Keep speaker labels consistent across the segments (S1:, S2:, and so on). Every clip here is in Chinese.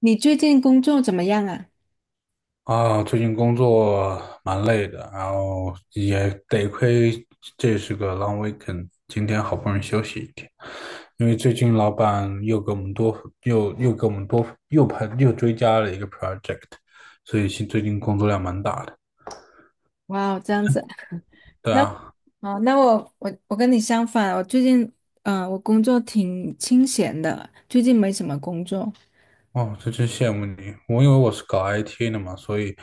S1: 你最近工作怎么样啊？
S2: 啊，最近工作蛮累的，然后也得亏这是个 long weekend，今天好不容易休息一天，因为最近老板又给我们多又又给我们多又派又追加了一个 project，所以最近工作量蛮大的。
S1: 哇哦，这样子啊，
S2: 对
S1: 那
S2: 啊。
S1: 哦，那我跟你相反，我最近我工作挺清闲的，最近没什么工作。
S2: 哦，这真羡慕你。我以为我是搞 IT 的嘛，所以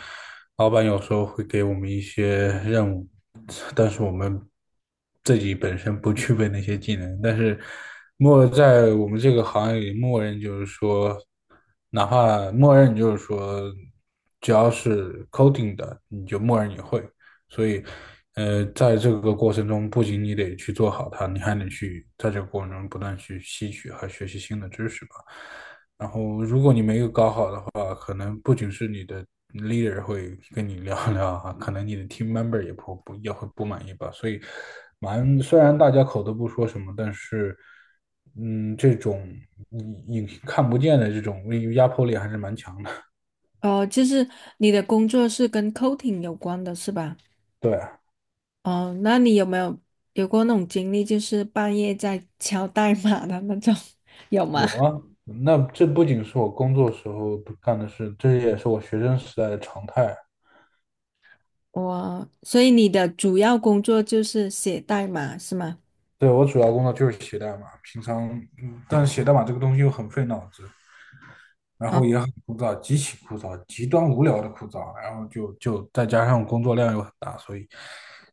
S2: 老板有时候会给我们一些任务，但是我们自己本身不具备那些技能。但是在我们这个行业里，默认就是说，哪怕默认就是说，只要是 coding 的，你就默认你会。所以，在这个过程中，不仅你得去做好它，你还得去在这个过程中不断去吸取和学习新的知识吧。然后，如果你没有搞好的话，可能不仅是你的 leader 会跟你聊聊啊，可能你的 team member 也会不满意吧。所以，虽然大家口都不说什么，但是，这种你看不见的这种压迫力还是蛮强的。
S1: 哦，就是你的工作是跟 coating 有关的是吧？
S2: 对啊。
S1: 哦，那你有没有有过那种经历，就是半夜在敲代码的那种，有吗？
S2: 有啊。那这不仅是我工作时候干的事，这也是我学生时代的常态。
S1: 我，所以你的主要工作就是写代码是吗？
S2: 对，我主要工作就是写代码，平常，但是写代码这个东西又很费脑子，然
S1: 啊，
S2: 后也很枯燥，极其枯燥，极端无聊的枯燥，然后就再加上工作量又很大，所以，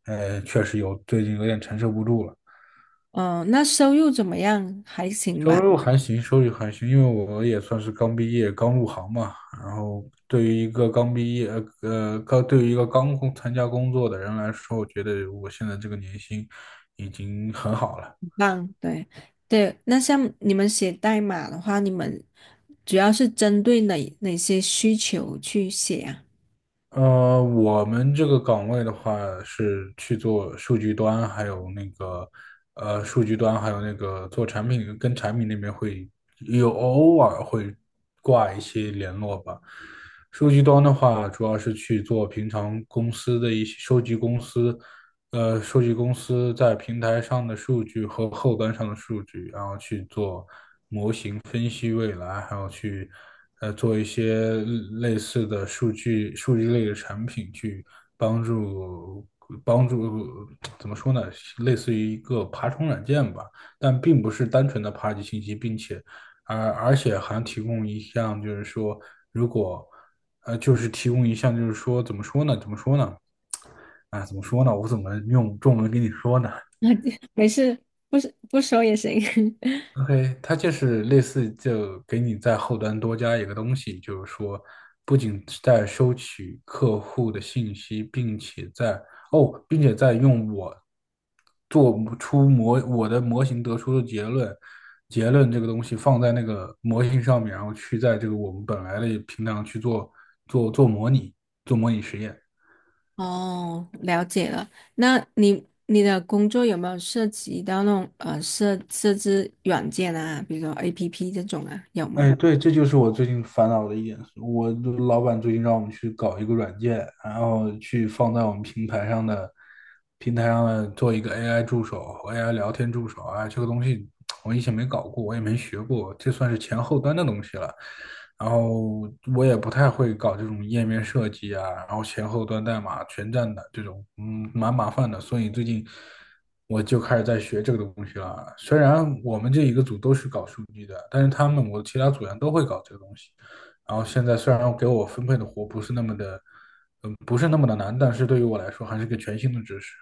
S2: 确实最近有点承受不住了。
S1: 哦，那收入怎么样？还行
S2: 收
S1: 吧。
S2: 入还行，收入还行，因为我也算是刚毕业、刚入行嘛。然后对于一个刚毕业、呃，刚对于一个刚参加工作的人来说，我觉得我现在这个年薪已经很好了。
S1: 棒，对对。那像你们写代码的话，你们主要是针对哪些需求去写啊？
S2: 我们这个岗位的话是去做数据端，还有那个数据端还有那个做产品，跟产品那边偶尔会挂一些联络吧。数据端的话，主要是去做平常公司的一些收集公司在平台上的数据和后端上的数据，然后去做，分析未来，还有去做一些类似的数据类的产品，去帮助帮助怎么说呢，类似于一个爬虫软件吧，但并不是单纯的爬取信息，并且而而且还提供一项就是说，如果就是提供一项就是说怎么说呢？啊，怎么说呢？我怎么用中文跟你说呢？
S1: 没事，不是不说也行。
S2: OK，它就是类似就给你在后端多加一个东西，就是说，不仅是在收取客户的信息，并且在用我的模型得出的结论，结论这个东西放在那个模型上面，然后去在这个我们本来的平台上去做模拟，做模拟实验。
S1: 哦，了解了。那你的工作有没有涉及到那种设置软件啊，比如说 APP 这种啊，有吗？
S2: 哎，对，这就是我最近烦恼的一点。我的老板最近让我们去搞一个软件，然后去放在我们平台上的做一个 AI 助手、AI 聊天助手啊，这个东西我以前没搞过，我也没学过，这算是前后端的东西了。然后我也不太会搞这种页面设计啊，然后前后端代码全站的这种，蛮麻烦的。所以最近我就开始在学这个东西了。虽然我们这一个组都是搞数据的，但是我其他组员都会搞这个东西。然后现在虽然给我分配的活不是那么的，难，但是对于我来说还是个全新的知识。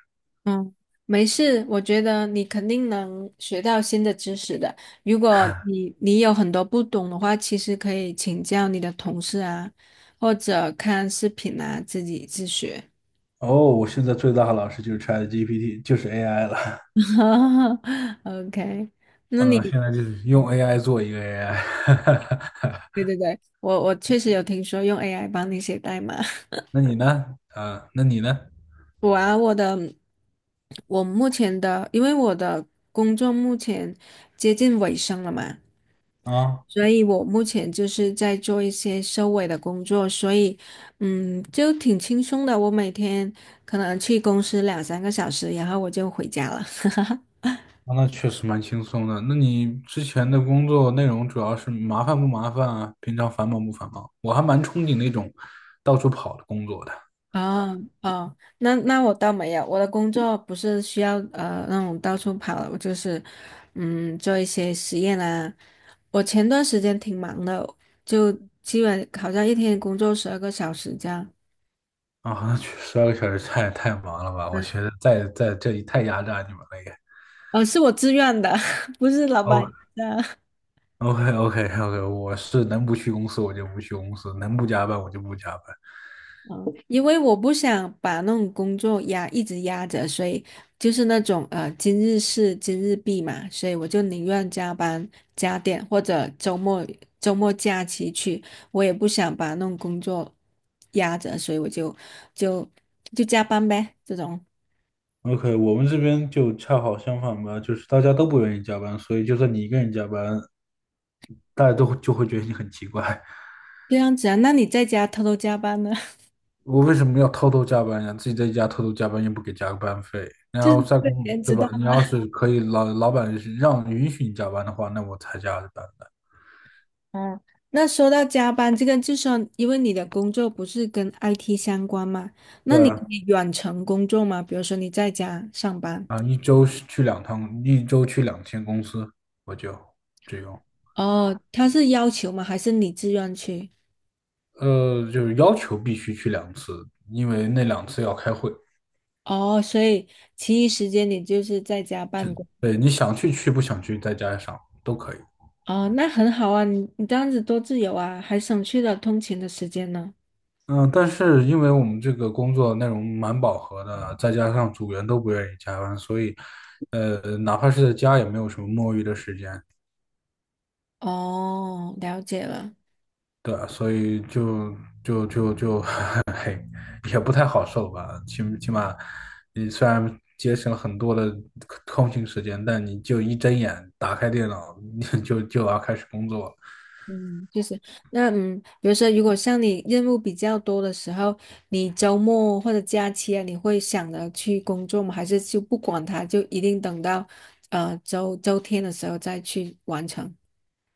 S1: 嗯，没事，我觉得你肯定能学到新的知识的。如果你有很多不懂的话，其实可以请教你的同事啊，或者看视频啊，自己自学。
S2: 哦，我现在最大的老师就是 ChatGPT，就是 AI 了。
S1: OK，那
S2: 嗯，
S1: 你，
S2: 现在就是
S1: 嗯
S2: 用 AI 做一个 AI。
S1: 对对对，我确实有听说用 AI 帮你写代码。
S2: 那你呢？
S1: 我啊，我的，我目前的，因为我的工作目前接近尾声了嘛。
S2: 啊。
S1: 所以我目前就是在做一些收尾的工作，所以嗯，就挺轻松的。我每天可能去公司两三个小时，然后我就回家了。
S2: 啊那确实蛮轻松的。那你之前的工作内容主要是麻烦不麻烦啊？平常繁忙不繁忙？我还蛮憧憬那种到处跑的工作的。
S1: 哦哦，那那我倒没有，我的工作不是需要那种到处跑的我就是嗯做一些实验啊。我前段时间挺忙的，就基本好像一天工作12个小时这样。
S2: 啊，那去12个小时太忙了吧？我觉得在这里太压榨你们了也。
S1: 呃，是我自愿的，不是老板
S2: 哦
S1: 的。
S2: ，OK OK OK，我是能不去公司我就不去公司，能不加班我就不加班。
S1: 因为我不想把那种工作压一直压着，所以就是那种今日事今日毕嘛，所以我就宁愿加班加点，或者周末周末假期去，我也不想把那种工作压着，所以我就就加班呗，这种
S2: OK，我们这边就恰好相反吧，就是大家都不愿意加班，所以就算你一个人加班，大家都就会觉得你很奇怪。
S1: 这样子啊。那你在家偷偷加班呢？
S2: 我为什么要偷偷加班呀？自己在家偷偷加班又不给加班费，
S1: 就
S2: 然后
S1: 是被别人
S2: 对
S1: 知
S2: 吧？
S1: 道。
S2: 你要是可以老板是允许你加班的话，那我才加班的。
S1: 哦，那说到加班这个，就说因为你的工作不是跟 IT 相关嘛，那
S2: 对
S1: 你可
S2: 啊。
S1: 以远程工作吗？比如说你在家上班，
S2: 啊，一周是去2趟，一周去2天公司，我就只种，
S1: 哦，他是要求吗？还是你自愿去？
S2: 就是要求必须去两次，因为那两次要开会。
S1: 哦，所以其余时间你就是在家办公。
S2: 对，你想去去，不想去在家上都可以。
S1: 哦，那很好啊，你这样子多自由啊，还省去了通勤的时间呢。
S2: 嗯，但是因为我们这个工作内容蛮饱和的，再加上组员都不愿意加班，所以，哪怕是在家也没有什么摸鱼的时间，
S1: 哦，了解了。
S2: 对啊所以就，嘿，也不太好受吧。起码，你虽然节省了很多的空闲时间，但你就一睁眼打开电脑，你就要开始工作了。
S1: 嗯，就是那嗯，比如说，如果像你任务比较多的时候，你周末或者假期啊，你会想着去工作吗？还是就不管它，就一定等到周天的时候再去完成？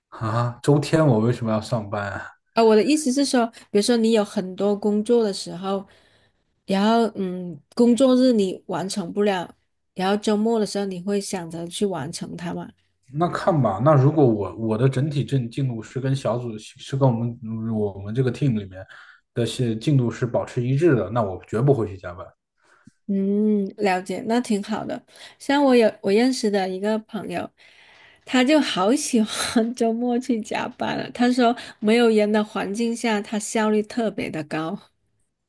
S2: 啊！周天我为什么要上班啊？
S1: 啊，我的意思是说，比如说你有很多工作的时候，然后嗯，工作日你完成不了，然后周末的时候你会想着去完成它吗？
S2: 那看吧，那如果我的整体进度是跟小组是跟我们这个 team 里面的是进度是保持一致的，那我绝不会去加班。
S1: 嗯，了解，那挺好的。像我有我认识的一个朋友，他就好喜欢 周末去加班了。他说，没有人的环境下，他效率特别的高。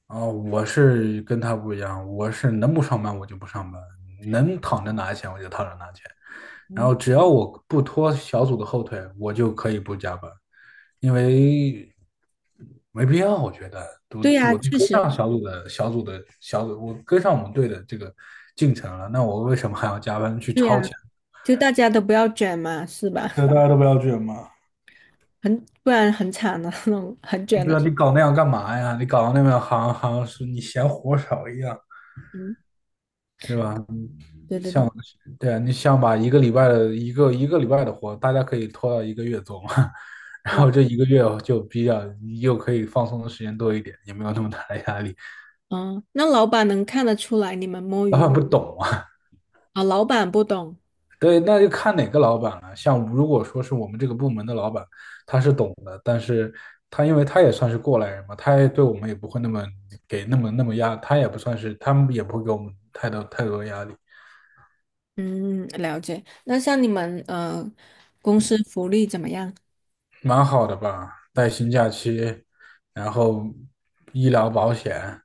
S2: 啊、我是跟他不一样，我是能不上班我就不上班，能躺着拿钱我就躺着拿钱，然
S1: 嗯，
S2: 后只要我不拖小组的后腿，我就可以不加班。因为没必要，我觉得我
S1: 对呀，
S2: 我都
S1: 确
S2: 跟
S1: 实，
S2: 上小组，我跟上我们队的这个进程了，那我为什么还要加班去
S1: 对呀，
S2: 超前？
S1: 就大家都不要卷嘛，是吧？
S2: 对，大家都不要卷嘛。
S1: 很，不然很惨的 那种，很卷的
S2: 对啊，你搞那样干嘛呀？你搞那样好像是你嫌活少一样，
S1: 嗯，
S2: 对吧？
S1: 对对对，
S2: 像对啊，你想把一个礼拜的活，大家可以拖到一个月做嘛，然
S1: 哇，
S2: 后这一个月就又可以放松的时间多一点，也没有那么大的压力。
S1: 嗯，那老板能看得出来你们摸
S2: 老
S1: 鱼吗？
S2: 板不懂啊。
S1: 啊？老板不懂。
S2: 对，那就看哪个老板了。像如果说是我们这个部门的老板，他是懂的，但是他因为他也算是过来人嘛，他也对我们也不会那么给那么压，他也不算是，他们也不会给我们太多太多压力，
S1: 嗯，了解。那像你们，公司福利怎么样？
S2: 蛮好的吧？带薪假期，然后医疗保险，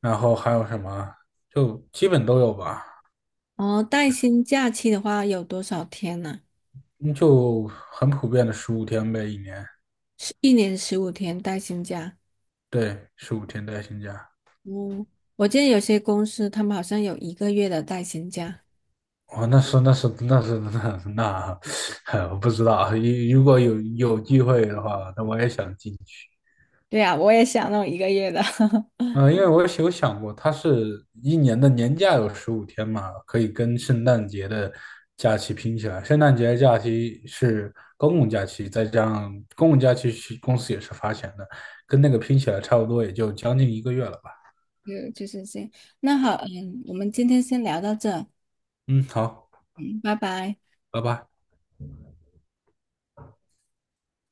S2: 然后还有什么，就基本都有吧，
S1: 哦，带薪假期的话有多少天呢、
S2: 嗯就很普遍的十五天呗，一年，
S1: 是一年15天带薪假。
S2: 对，十五天带薪假。
S1: 嗯，我记得有些公司他们好像有一个月的带薪假。
S2: 哦，那是，我不知道。如果有机会的话，那我也想进去。
S1: 对啊，我也想弄一个月的，
S2: 嗯、因为我有想过，它是一年的年假有十五天嘛，可以跟圣诞节的假期拼起来。圣诞节的假期是公共假期，再加上公共假期是公司也是发钱的，跟那个拼起来差不多，也就将近一个月了吧。
S1: 就就是这样。那好，嗯，我们今天先聊到这，
S2: 嗯，好，
S1: 嗯，拜拜。
S2: 拜拜。